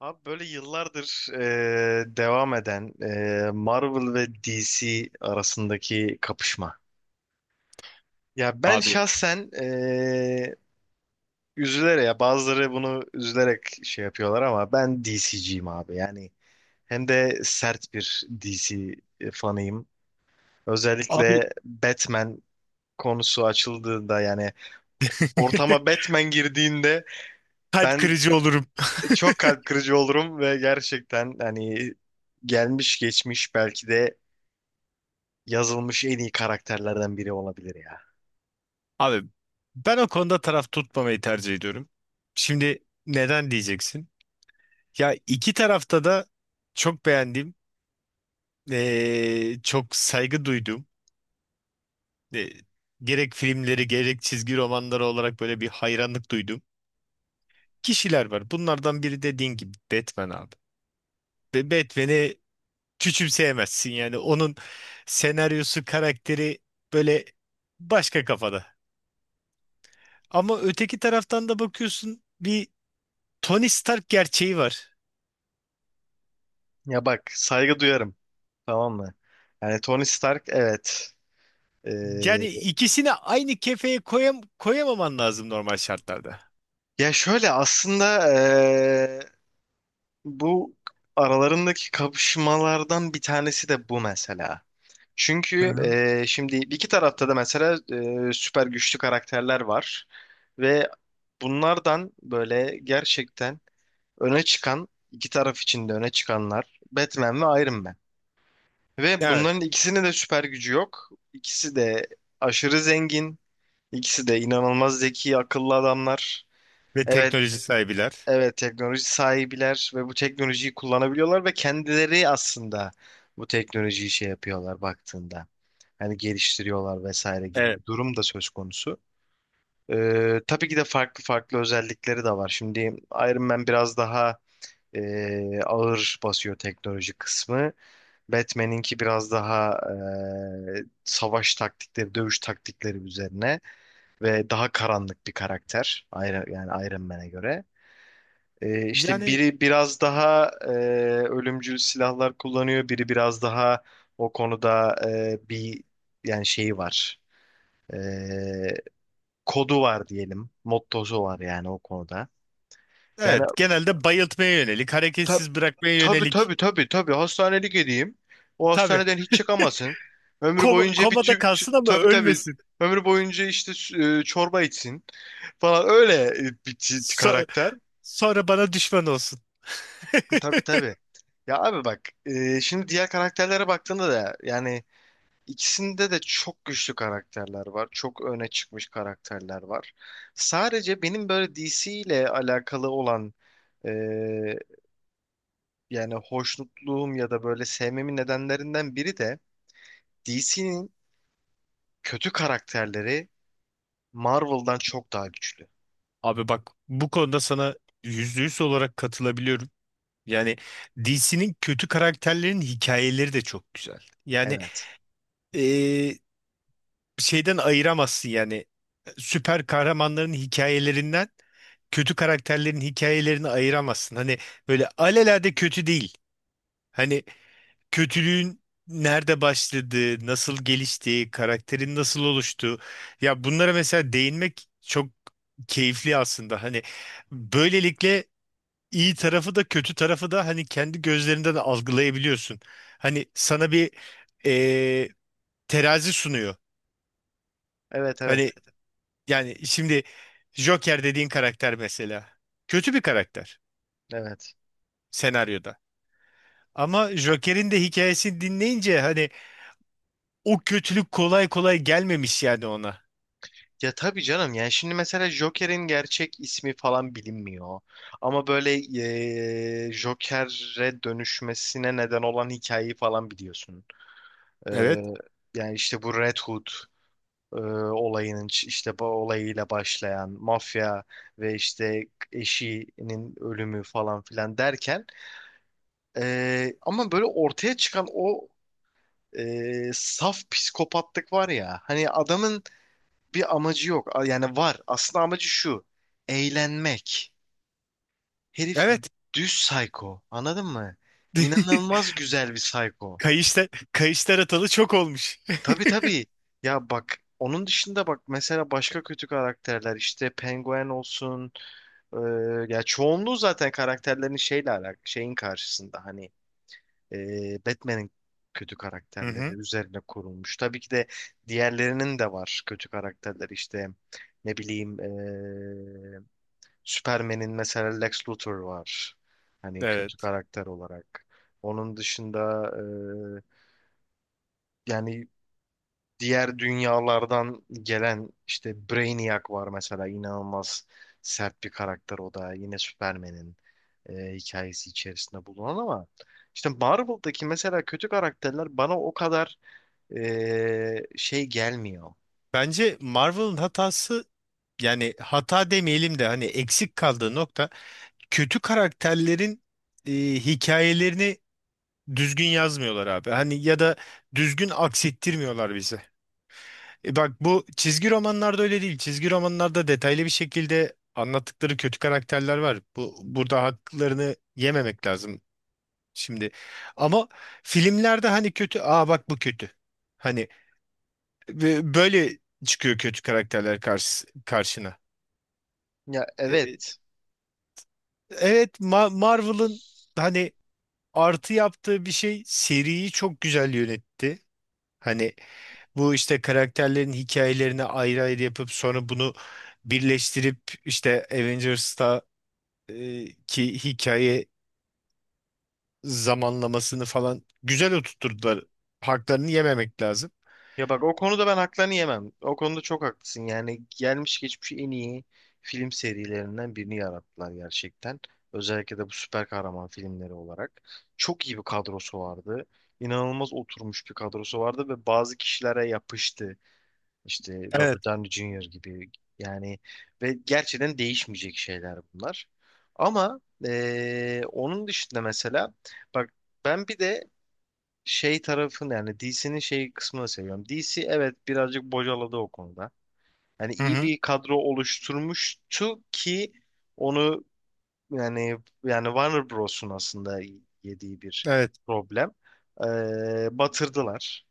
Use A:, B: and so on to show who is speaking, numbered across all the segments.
A: Abi böyle yıllardır devam eden Marvel ve DC arasındaki kapışma. Ya ben
B: Abi,
A: şahsen üzülerek ya bazıları bunu üzülerek şey yapıyorlar ama ben DC'ciyim abi. Yani hem de sert bir DC fanıyım.
B: abi,
A: Özellikle Batman konusu açıldığında yani ortama Batman girdiğinde
B: kalp
A: ben
B: kırıcı olurum.
A: çok kalp kırıcı olurum ve gerçekten hani gelmiş geçmiş belki de yazılmış en iyi karakterlerden biri olabilir ya.
B: Abi, ben o konuda taraf tutmamayı tercih ediyorum. Şimdi, neden diyeceksin? Ya iki tarafta da çok beğendiğim, çok saygı duyduğum, eee, gerek filmleri gerek çizgi romanları olarak böyle bir hayranlık duyduğum kişiler var. Bunlardan biri dediğin gibi Batman abi. Ve Batman'i küçümseyemezsin, yani onun senaryosu, karakteri böyle başka kafada. Ama öteki taraftan da bakıyorsun, bir Tony Stark gerçeği var.
A: Ya bak, saygı duyarım, tamam mı? Yani Tony Stark, evet. Ee,
B: Yani ikisini aynı kefeye koyamaman lazım normal şartlarda.
A: ya şöyle aslında. Bu aralarındaki kapışmalardan bir tanesi de bu mesela.
B: Hı
A: Çünkü
B: hı.
A: şimdi iki tarafta da mesela süper güçlü karakterler var ve bunlardan böyle gerçekten öne çıkan iki taraf içinde öne çıkanlar Batman ve Iron Man. Ve
B: Evet.
A: bunların ikisinin de süper gücü yok. İkisi de aşırı zengin, ikisi de inanılmaz zeki, akıllı adamlar.
B: Ve
A: Evet,
B: teknoloji sahibiler.
A: evet, teknoloji sahibiler ve bu teknolojiyi kullanabiliyorlar ve kendileri aslında bu teknolojiyi şey yapıyorlar baktığında. Hani geliştiriyorlar vesaire gibi
B: Evet.
A: bir durum da söz konusu. Tabii ki de farklı farklı özellikleri de var. Şimdi Iron Man biraz daha ağır basıyor teknoloji kısmı. Batman'inki biraz daha savaş taktikleri, dövüş taktikleri üzerine ve daha karanlık bir karakter. Yani Iron Man'e göre. E, işte
B: Yani
A: biri biraz daha ölümcül silahlar kullanıyor, biri biraz daha o konuda bir yani şeyi var. E, kodu var diyelim, mottosu var yani o konuda. Yani
B: evet, genelde bayıltmaya yönelik,
A: ta,
B: hareketsiz bırakmaya
A: tabii
B: yönelik.
A: tabii tabii tabii hastanelik edeyim. O
B: Tabii,
A: hastaneden hiç çıkamasın. Ömrü boyunca
B: komada kalsın ama
A: tabii tabii
B: ölmesin.
A: ömrü boyunca işte çorba içsin falan öyle bir
B: So-
A: karakter.
B: sonra bana düşman olsun.
A: Tabii tabii. Ya abi bak şimdi diğer karakterlere baktığında da yani ikisinde de çok güçlü karakterler var. Çok öne çıkmış karakterler var. Sadece benim böyle DC ile alakalı olan e, yani hoşnutluğum ya da böyle sevmemin nedenlerinden biri de DC'nin kötü karakterleri Marvel'dan çok daha güçlü.
B: Abi, bak bu konuda sana %100 olarak katılabiliyorum. Yani DC'nin kötü karakterlerin hikayeleri de çok güzel. Yani,
A: Evet.
B: eee, şeyden ayıramazsın, yani süper kahramanların hikayelerinden kötü karakterlerin hikayelerini ayıramazsın. Hani böyle alelade kötü değil. Hani kötülüğün nerede başladığı, nasıl geliştiği, karakterin nasıl oluştuğu. Ya bunlara mesela değinmek çok keyifli aslında. Hani böylelikle iyi tarafı da kötü tarafı da hani kendi gözlerinden algılayabiliyorsun. Hani sana bir eee, terazi sunuyor.
A: Evet, evet.
B: Hani yani şimdi Joker dediğin karakter mesela kötü bir karakter
A: Evet.
B: senaryoda. Ama Joker'in de hikayesini dinleyince hani o kötülük kolay kolay gelmemiş yani ona.
A: Ya tabii canım, yani şimdi mesela Joker'in gerçek ismi falan bilinmiyor. Ama böyle Joker'e dönüşmesine neden olan hikayeyi falan biliyorsun.
B: Evet.
A: Eee, yani işte bu Red Hood eee, olayının işte bu olayıyla başlayan mafya ve işte eşinin ölümü falan filan derken ama böyle ortaya çıkan o saf psikopatlık var ya hani adamın bir amacı yok. Yani var. Aslında amacı şu. Eğlenmek. Herif
B: Evet.
A: düz psycho. Anladın mı? İnanılmaz güzel bir psycho.
B: Kayışlar atalı çok olmuş.
A: Tabii tabii. Ya bak, onun dışında bak mesela başka kötü karakterler işte penguen olsun. Ee, ya çoğunluğu zaten karakterlerin şeyle alakalı şeyin karşısında hani Batman'in kötü
B: Hı
A: karakterleri
B: hı.
A: üzerine kurulmuş. Tabii ki de diğerlerinin de var kötü karakterler işte ne bileyim Superman'in mesela Lex Luthor var. Hani kötü
B: Evet.
A: karakter olarak. Onun dışında e, yani diğer dünyalardan gelen işte Brainiac var mesela inanılmaz sert bir karakter o da yine Superman'in hikayesi içerisinde bulunan ama işte Marvel'daki mesela kötü karakterler bana o kadar şey gelmiyor.
B: Bence Marvel'ın hatası, yani hata demeyelim de hani eksik kaldığı nokta, kötü karakterlerin hikayelerini düzgün yazmıyorlar abi. Hani ya da düzgün aksettirmiyorlar bize. Bak, bu çizgi romanlarda öyle değil. Çizgi romanlarda detaylı bir şekilde anlattıkları kötü karakterler var. Bu burada haklarını yememek lazım şimdi. Ama filmlerde hani kötü, aa bak bu kötü. Hani böyle çıkıyor kötü karakterler karşına.
A: Ya,
B: E,
A: evet.
B: evet, Marvel'ın hani artı yaptığı bir şey, seriyi çok güzel yönetti. Hani bu işte karakterlerin hikayelerini ayrı ayrı yapıp sonra bunu birleştirip işte Avengers'ta ki hikaye zamanlamasını falan güzel oturtturdular. Haklarını yememek lazım.
A: Ya bak, o konuda ben haklarını yemem. O konuda çok haklısın. Yani gelmiş geçmiş en iyi film serilerinden birini yarattılar gerçekten. Özellikle de bu süper kahraman filmleri olarak. Çok iyi bir kadrosu vardı. İnanılmaz oturmuş bir kadrosu vardı ve bazı kişilere yapıştı. İşte Robert
B: Evet.
A: Downey Jr. gibi. Yani ve gerçekten değişmeyecek şeyler bunlar. Ama onun dışında mesela bak ben bir de şey tarafını yani DC'nin şey kısmını seviyorum. DC evet birazcık bocaladı o konuda. Yani
B: Hı
A: iyi
B: hı.
A: bir kadro oluşturmuştu ki onu yani Warner Bros'un aslında yediği bir
B: Evet.
A: problem. Batırdılar.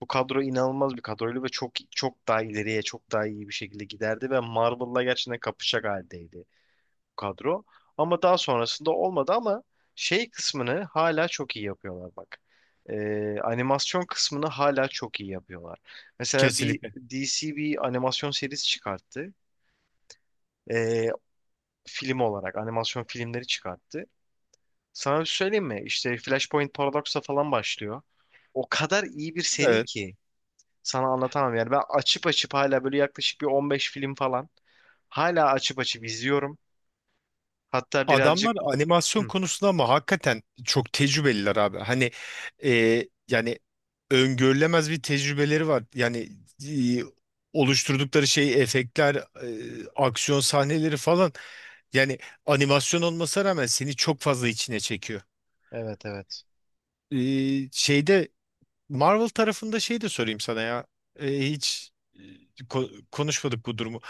A: Bu kadro inanılmaz bir kadroydu ve çok çok daha ileriye çok daha iyi bir şekilde giderdi ve Marvel'la gerçekten kapışacak haldeydi kadro. Ama daha sonrasında olmadı ama şey kısmını hala çok iyi yapıyorlar bak. Animasyon kısmını hala çok iyi yapıyorlar. Mesela bir
B: Kesinlikle.
A: DC bir animasyon serisi çıkarttı. Ee, film olarak animasyon filmleri çıkarttı. Sana bir şey söyleyeyim mi? İşte Flashpoint Paradox'la falan başlıyor. O kadar iyi bir seri
B: Evet.
A: ki sana anlatamam. Yani ben açıp açıp hala böyle yaklaşık bir 15 film falan hala açıp açıp izliyorum. Hatta birazcık.
B: Adamlar animasyon
A: Hı,
B: konusunda ama hakikaten çok tecrübeliler abi. Hani, e, yani öngörülemez bir tecrübeleri var. Yani e, oluşturdukları şey efektler, aksiyon sahneleri falan. Yani animasyon olmasına rağmen seni çok fazla içine çekiyor.
A: evet, evet.
B: Şeyde Marvel tarafında şey de sorayım sana ya. Hiç konuşmadık bu durumu.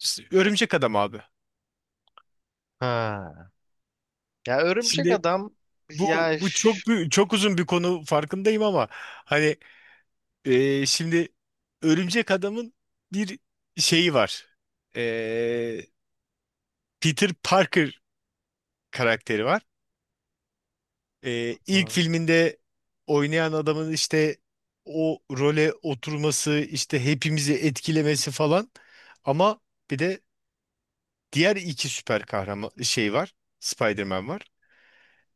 B: Örümcek Adam abi.
A: Ha. Ya örümcek
B: Şimdi,
A: adam,
B: Bu
A: ya
B: bu çok uzun bir konu farkındayım ama hani şimdi Örümcek Adam'ın bir şeyi var. E, Peter Parker karakteri var. İlk
A: ha.
B: filminde oynayan adamın işte o role oturması, işte hepimizi etkilemesi falan. Ama bir de diğer iki süper kahraman şey var. Spider-Man var.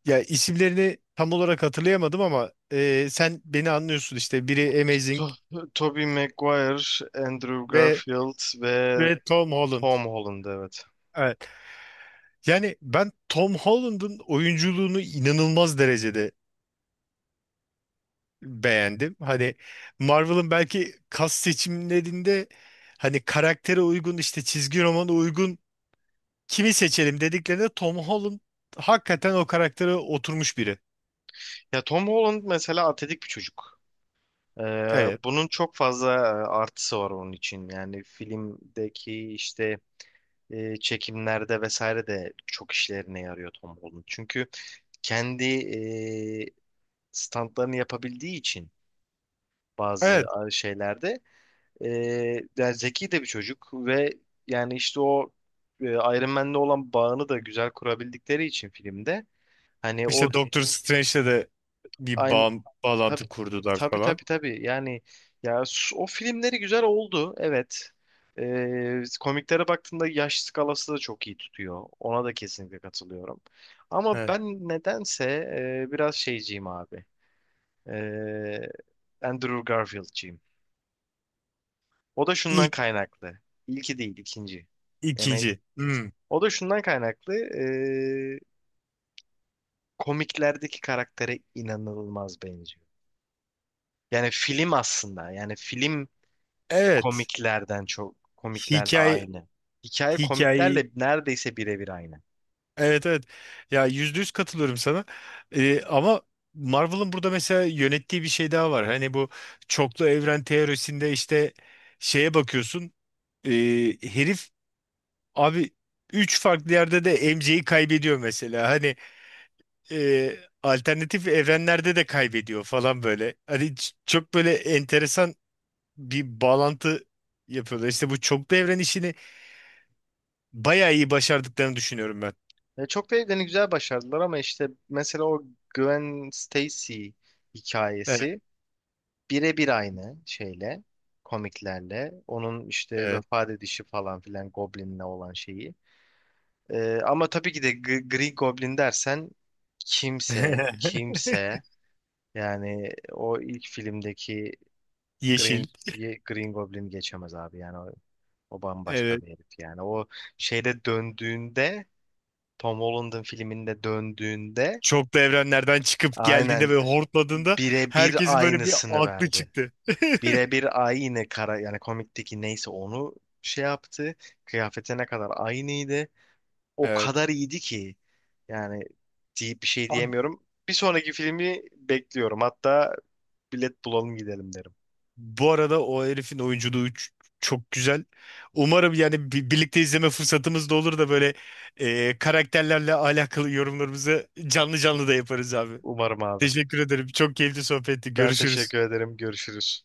B: Ya isimlerini tam olarak hatırlayamadım ama sen beni anlıyorsun, işte biri Amazing
A: To- Tobey Maguire, Andrew
B: Ve
A: Garfield ve
B: ve Tom Holland.
A: Tom Holland, evet.
B: Evet. Yani ben Tom Holland'ın oyunculuğunu inanılmaz derecede beğendim. Hani Marvel'ın belki kas seçimlerinde hani karaktere uygun işte çizgi romana uygun kimi seçelim dediklerinde Tom Holland hakikaten o karaktere oturmuş biri.
A: Ya Tom Holland mesela atletik bir çocuk. Ee,
B: Evet.
A: bunun çok fazla artısı var onun için. Yani filmdeki işte çekimlerde vesaire de çok işlerine yarıyor Tom Holland. Çünkü kendi standlarını yapabildiği için bazı
B: Evet.
A: şeylerde. E, yani zeki de bir çocuk ve yani işte o Iron Man'le olan bağını da güzel kurabildikleri için filmde hani o
B: İşte Doctor Strange'le de bir
A: aynı,
B: bağ
A: tabii
B: bağlantı kurdular
A: tabii
B: falan.
A: tabii tabii. Yani ya o filmleri güzel oldu, evet. Komiklere baktığımda yaş skalası da çok iyi tutuyor. Ona da kesinlikle katılıyorum. Ama
B: Evet.
A: ben nedense biraz şeyciyim abi. E, Andrew Garfield'ciyim. O da şundan
B: İlk.
A: kaynaklı. İlki değil, ikinci.
B: İkinci. Hmm.
A: O da şundan kaynaklı. Komiklerdeki karaktere inanılmaz benziyor. Yani film aslında. Yani film
B: Evet.
A: komiklerden çok komiklerle
B: Hikaye
A: aynı. Hikaye
B: hikayeyi.
A: komiklerle neredeyse birebir aynı.
B: Evet, evet. Ya %100 katılıyorum sana. Ama Marvel'ın burada mesela yönettiği bir şey daha var. Hani bu çoklu evren teorisinde işte şeye bakıyorsun. ee, herif abi üç farklı yerde de MC'yi kaybediyor mesela. Hani ee, alternatif evrenlerde de kaybediyor falan böyle. Hani çok böyle enteresan bir bağlantı yapıyorlar. İşte bu çoklu evren işini bayağı iyi başardıklarını düşünüyorum ben.
A: Ve çok da evlerini güzel başardılar ama işte mesela o Gwen Stacy
B: Evet.
A: hikayesi birebir aynı şeyle komiklerle. Onun işte
B: Evet.
A: vefat edişi falan filan Goblin'le olan şeyi. Ama tabii ki de Green Goblin dersen kimse yani o ilk filmdeki
B: Yeşil.
A: Green Green Goblin geçemez abi. Yani o bambaşka
B: Evet.
A: bir herif yani. O şeyde döndüğünde Tom Holland'ın filminde döndüğünde
B: Çoklu evrenlerden çıkıp geldiğinde
A: aynen
B: ve hortladığında
A: birebir
B: herkesin böyle bir
A: aynısını
B: aklı
A: verdi.
B: çıktı.
A: Birebir aynı kara yani komikteki neyse onu şey yaptı. Kıyafetine kadar aynıydı. O
B: Evet.
A: kadar iyiydi ki yani deyip bir şey
B: Abi,
A: diyemiyorum. Bir sonraki filmi bekliyorum. Hatta bilet bulalım gidelim derim.
B: bu arada o herifin oyunculuğu çok güzel. Umarım yani birlikte izleme fırsatımız da olur da böyle karakterlerle alakalı yorumlarımızı canlı canlı da yaparız abi.
A: Umarım abi.
B: Teşekkür ederim. Çok keyifli sohbetti.
A: Ben
B: Görüşürüz.
A: teşekkür ederim. Görüşürüz.